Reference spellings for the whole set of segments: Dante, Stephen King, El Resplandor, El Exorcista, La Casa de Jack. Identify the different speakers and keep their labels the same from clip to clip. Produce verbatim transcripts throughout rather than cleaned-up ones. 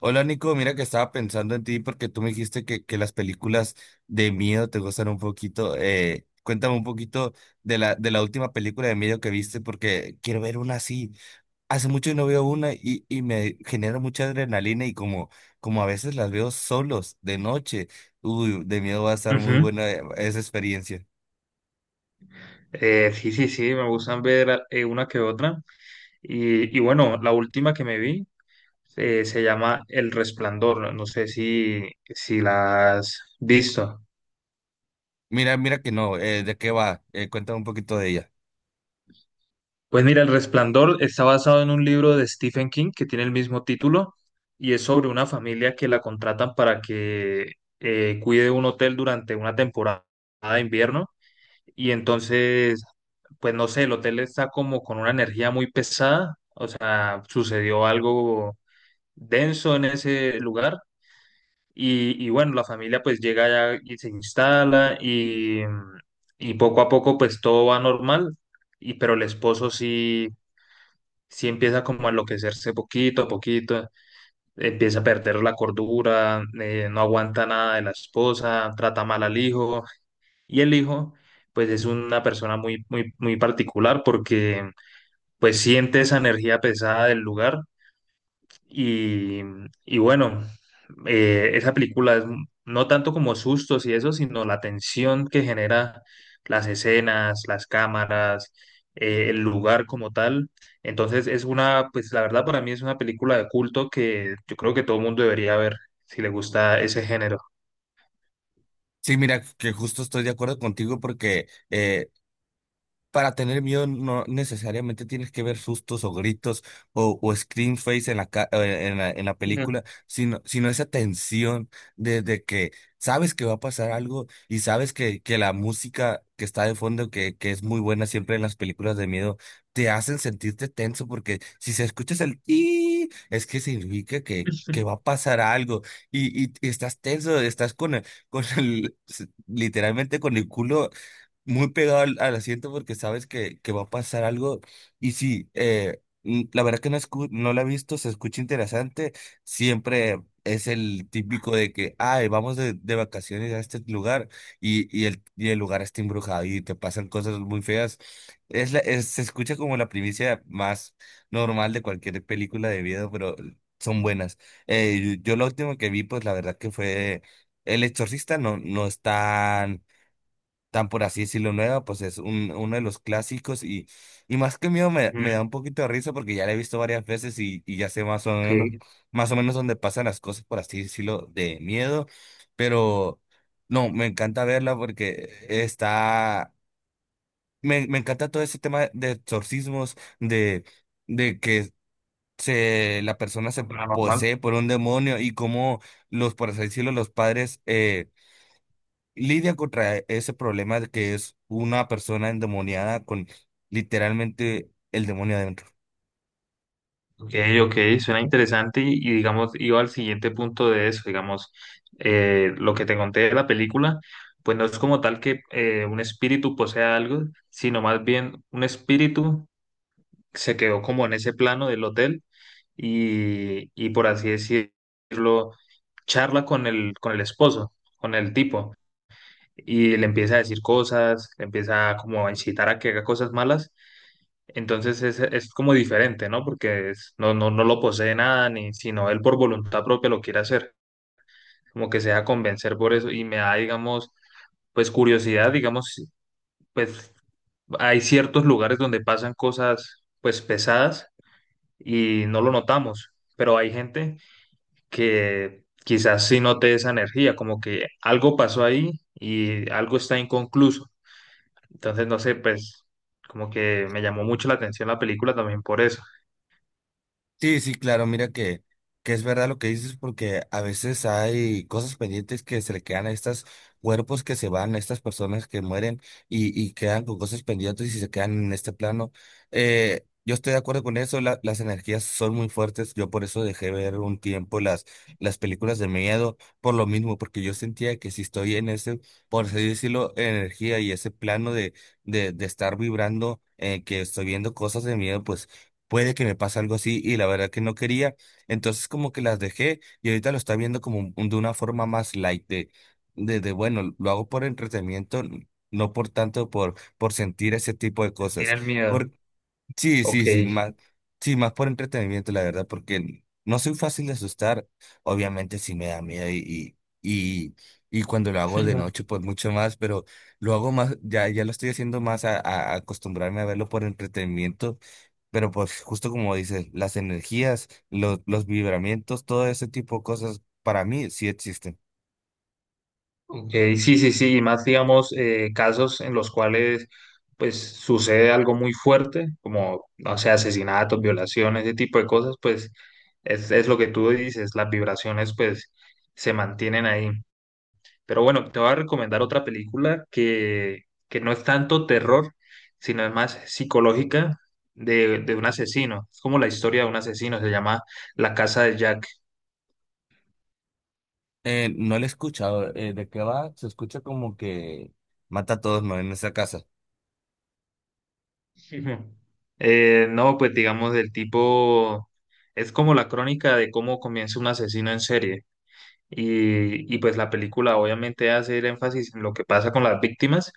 Speaker 1: Hola Nico, mira que estaba pensando en ti porque tú me dijiste que, que las películas de miedo te gustan un poquito. Eh, cuéntame un poquito de la, de la última película de miedo que viste porque quiero ver una así. Hace mucho no veo una y, y me genera mucha adrenalina y como, como a veces las veo solos de noche. Uy, de miedo va a estar muy
Speaker 2: Ujú.
Speaker 1: buena, eh, esa experiencia.
Speaker 2: Eh, sí, sí, sí, me gustan ver eh, una que otra. Y, y bueno, la última que me vi eh, se llama El Resplandor. No no sé si, si la has visto.
Speaker 1: Mira, mira que no, eh, ¿de qué va? Eh, cuéntame un poquito de ella.
Speaker 2: Pues mira, El Resplandor está basado en un libro de Stephen King que tiene el mismo título y es sobre una familia que la contratan para que eh, cuide un hotel durante una temporada de invierno. Y entonces, pues no sé, el hotel está como con una energía muy pesada. O sea, sucedió algo denso en ese lugar. Y, y bueno, la familia pues llega allá y se instala y, y poco a poco pues todo va normal. Y, pero el esposo sí, sí empieza como a enloquecerse poquito a poquito, empieza a perder la cordura, eh, no aguanta nada de la esposa, trata mal al hijo. Y el hijo pues es una persona muy, muy, muy particular porque pues siente esa energía pesada del lugar. Y, y bueno, eh, esa película es m- no tanto como sustos y eso, sino la tensión que genera las escenas, las cámaras, eh, el lugar como tal. Entonces es una, pues la verdad para mí es una película de culto que yo creo que todo el mundo debería ver si le gusta ese género.
Speaker 1: Sí, mira que justo estoy de acuerdo contigo porque... eh, para tener miedo no necesariamente tienes que ver sustos o gritos o, o scream face en la, ca- eh, en la, en la
Speaker 2: Ujú.
Speaker 1: película, sino, sino esa tensión de, de que sabes que va a pasar algo y sabes que, que la música que está de fondo, que, que es muy buena siempre en las películas de miedo, te hacen sentirte tenso porque si se escuchas el y es que significa que, que va a pasar algo y, y, y estás tenso, estás con el, con el, literalmente con el culo muy pegado al, al asiento porque sabes que, que va a pasar algo. Y sí, eh, mm, la verdad que no, escu- no la he visto, se escucha interesante. Siempre es el típico de que, ay, vamos de, de vacaciones a este lugar y, y, el, y el lugar está embrujado y te pasan cosas muy feas. Es la, es- se escucha como la primicia más normal de cualquier película de miedo, pero son buenas. Eh, yo, lo último que vi, pues la verdad que fue El Exorcista. No, no es tan, tan por así decirlo nueva, pues es un, uno de los clásicos y, y más que miedo me, me da
Speaker 2: Ujú.
Speaker 1: un poquito de risa porque ya la he visto varias veces y, y ya sé más o menos,
Speaker 2: Ok,
Speaker 1: más o menos dónde pasan las cosas, por así decirlo, de miedo, pero no, me encanta verla porque está, me, me encanta todo ese tema de exorcismos, de, de que se, la persona se
Speaker 2: paranormal.
Speaker 1: posee por un demonio y cómo los, por así decirlo, los padres... Eh, lidia contra ese problema de que es una persona endemoniada con literalmente el demonio adentro.
Speaker 2: Ok, ok, suena interesante y, y, digamos, iba al siguiente punto de eso, digamos, eh, lo que te conté de la película, pues no es como tal que eh, un espíritu posea algo, sino más bien un espíritu se quedó como en ese plano del hotel y, y por así decirlo, charla con el, con el esposo, con el tipo, y le empieza a decir cosas, le empieza como a incitar a que haga cosas malas, entonces es, es como diferente, ¿no? Porque es- no, no, no lo posee nada, ni sino él por voluntad propia lo quiere hacer, como que se deja convencer por eso y me da, digamos, pues curiosidad, digamos, pues hay ciertos lugares donde pasan cosas pues pesadas y no lo notamos, pero hay gente que quizás sí note esa energía, como que algo pasó ahí y algo está inconcluso. Entonces, no sé, pues como que me llamó mucho la atención la película también por eso.
Speaker 1: Sí, sí, claro, mira que, que es verdad lo que dices porque a veces hay cosas pendientes que se le quedan a estos cuerpos que se van, a estas personas que mueren y, y quedan con cosas pendientes y se quedan en este plano. Eh, yo estoy de acuerdo con eso, la- las energías son muy fuertes, yo por eso dejé ver un tiempo las, las películas de miedo, por lo mismo, porque yo sentía que si estoy en ese, por así decirlo, energía y ese plano de, de, de estar vibrando, eh, que estoy viendo cosas de miedo, pues puede que me pase algo así y la verdad que no quería. Entonces como que las dejé y ahorita lo está viendo como un- de una forma más light de, de, de, bueno, lo hago por entretenimiento, n- no por tanto por, por sentir ese tipo de cosas.
Speaker 2: Tiene el miedo.
Speaker 1: Por, sí,
Speaker 2: Ok.
Speaker 1: sí, sí, más, sí, más por entretenimiento, la verdad, porque no soy fácil de asustar. Obviamente sí me da miedo y, y, y, y cuando lo hago de
Speaker 2: Ujú.
Speaker 1: noche, pues mucho más, pero lo hago más, ya, ya lo estoy haciendo más a, a acostumbrarme a verlo por entretenimiento, pero pues justo como dices, las energías, los, los vibramientos, todo ese tipo de cosas para mí sí existen.
Speaker 2: Ok, sí, sí, sí, y más digamos eh, casos en los cuales pues sucede algo muy fuerte, como, no sé, asesinatos, violaciones, ese tipo de cosas, pues es, es lo que tú dices, las vibraciones pues se mantienen ahí. Pero bueno, te voy a recomendar otra película que, que no es tanto terror, sino es más psicológica de, de un asesino. Es como la historia de un asesino, se llama La Casa de Jack.
Speaker 1: Eh, no lo he escuchado. Eh, ¿de qué va? Se escucha como que mata a todos, ¿no? En esa casa.
Speaker 2: Ujú. Eh, no, pues digamos del tipo, es como la crónica de cómo comienza un asesino en serie. Y, y pues la película obviamente hace el énfasis en lo que pasa con las víctimas,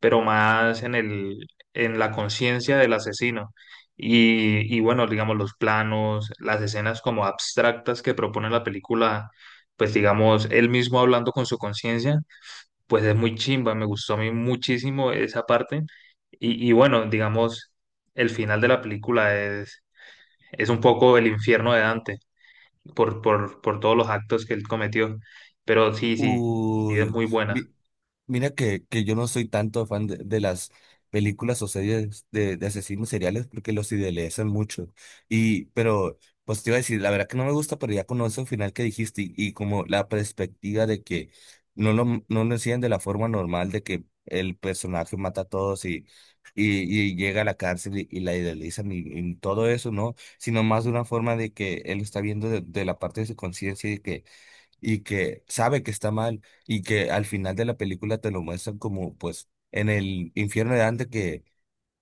Speaker 2: pero más en el, en la conciencia del asesino. Y, y bueno, digamos los planos, las escenas como abstractas que propone la película, pues digamos él mismo hablando con su conciencia pues es muy chimba, me gustó a mí muchísimo esa parte. Y, y bueno, digamos, el final de la película es, es un poco el infierno de Dante por, por, por todos los actos que él cometió. Pero sí, sí, sí, es
Speaker 1: Uy,
Speaker 2: muy buena.
Speaker 1: mi- mira que, que yo no soy tanto fan de, de las películas o series de, de asesinos seriales porque los idealizan mucho. Y, pero, pues te iba a decir, la verdad que no me gusta, pero ya conozco el final que dijiste y, y como la perspectiva de que no lo, no lo hacían de la forma normal de que el personaje mata a todos y, y, y llega a la cárcel y, y la idealizan y, y todo eso, ¿no? Sino más de una forma de que él está viendo de, de la parte de su conciencia y que y que sabe que está mal y que al final de la película te lo muestran como pues en el infierno de Dante que,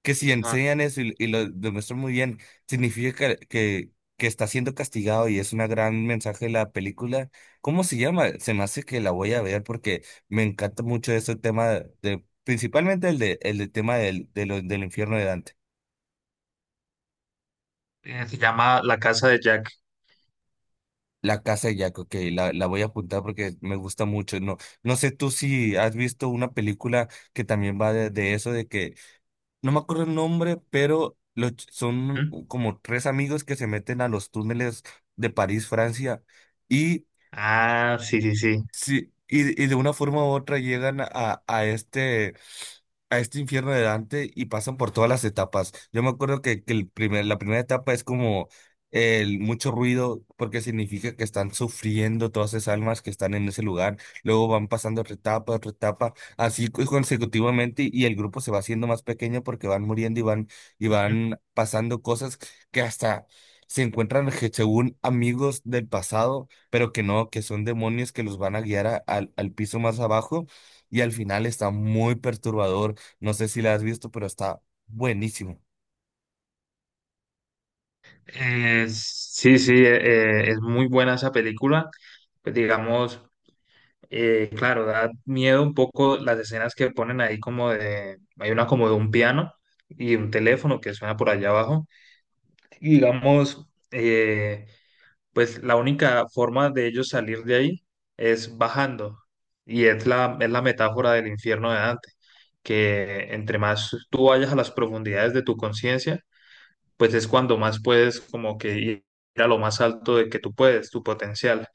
Speaker 1: que si
Speaker 2: Ajá.
Speaker 1: enseñan eso y, y lo demuestran muy bien, significa que, que, que está siendo castigado y es una gran mensaje de la película. ¿Cómo se llama? Se me hace que la voy a ver porque me encanta mucho ese tema de, principalmente el de, el de tema del, de lo- del infierno de Dante.
Speaker 2: Eh, Se llama La Casa de Jack.
Speaker 1: La Casa de Jack, ok, la, la voy a apuntar porque me gusta mucho. No, no sé tú si has visto una película que también va de, de eso, de que, no me acuerdo el nombre, pero los ch- son
Speaker 2: ¿Mm?
Speaker 1: como tres amigos que se meten a los túneles de París, Francia, y
Speaker 2: Ah, sí, sí, sí.
Speaker 1: sí, y, y de una forma u otra llegan a, a este, a este infierno de Dante y pasan por todas las etapas. Yo me acuerdo que, que el primer, la primera etapa es como el mucho ruido, porque significa que están sufriendo todas esas almas que están en ese lugar. Luego van pasando otra etapa, otra etapa, así cu- consecutivamente, y el grupo se va haciendo más pequeño porque van muriendo y van, y van pasando cosas que hasta se encuentran je- según amigos del pasado pero que no, que son demonios que los van a guiar a- al, al piso más abajo y al final está muy perturbador. No sé si la has visto, pero está buenísimo.
Speaker 2: Eh, sí, sí, eh, eh, es muy buena esa película. Pues digamos, Eh, claro, da miedo un poco las escenas que ponen ahí como de, hay una como de un piano y un teléfono que suena por allá abajo. Y digamos, eh, pues la única forma de ellos salir de ahí es bajando. Y es la, es la metáfora del infierno de Dante, que entre más tú vayas a las profundidades de tu conciencia, pues es cuando más puedes como que ir a lo más alto de que tú puedes, tu potencial.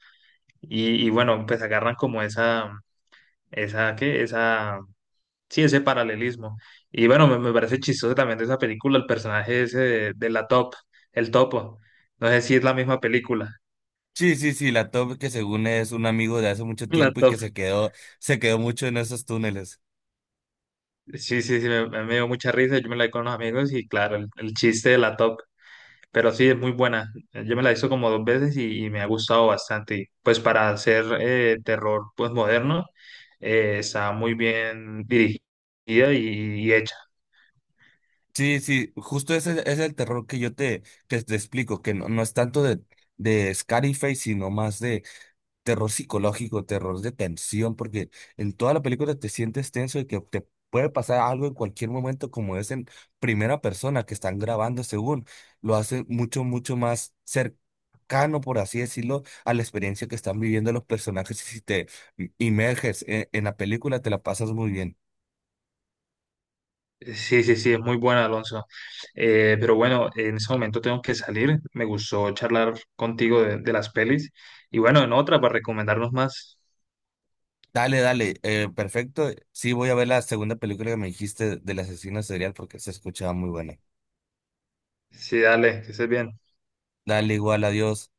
Speaker 2: Y, y bueno, pues agarran como esa esa, ¿qué? Esa, sí, ese paralelismo. Y bueno, me, me parece chistoso también de esa película el personaje ese de, de la Top, el Topo. No sé si es la misma película.
Speaker 1: Sí, sí, sí, la top que según es un amigo de hace mucho
Speaker 2: La
Speaker 1: tiempo y
Speaker 2: Top.
Speaker 1: que se quedó, se quedó mucho en esos túneles.
Speaker 2: Sí, sí, sí, me, me dio mucha risa. Yo me la vi con los amigos y claro, el, el chiste de la Top. Pero sí, es muy buena. Yo me la he visto como dos veces y, y me ha gustado bastante. Y pues para hacer eh, terror pues moderno, eh, está muy bien dirigida y y hecha.
Speaker 1: Sí, sí, justo ese es el terror que yo te, que te explico, que no, no es tanto de, de Scarface, sino más terror psicológico, terror de tensión, porque en toda la película te sientes tenso de que te puede pasar algo en cualquier momento, como es en primera persona que están grabando, según lo hace mucho, mucho más cercano, por así decirlo, a la experiencia que están viviendo los personajes. Y si te inmerges en, en la película, te la pasas muy bien.
Speaker 2: Sí, sí, sí, es muy bueno, Alonso. Eh, pero bueno, en ese momento tengo que salir. Me gustó charlar contigo de, de las pelis. Y bueno, en otra para recomendarnos más.
Speaker 1: Dale, dale, eh, perfecto. Sí, voy a ver la segunda película que me dijiste del asesino serial porque se escuchaba muy buena.
Speaker 2: Sí, dale, que estés bien.
Speaker 1: Dale, igual, adiós.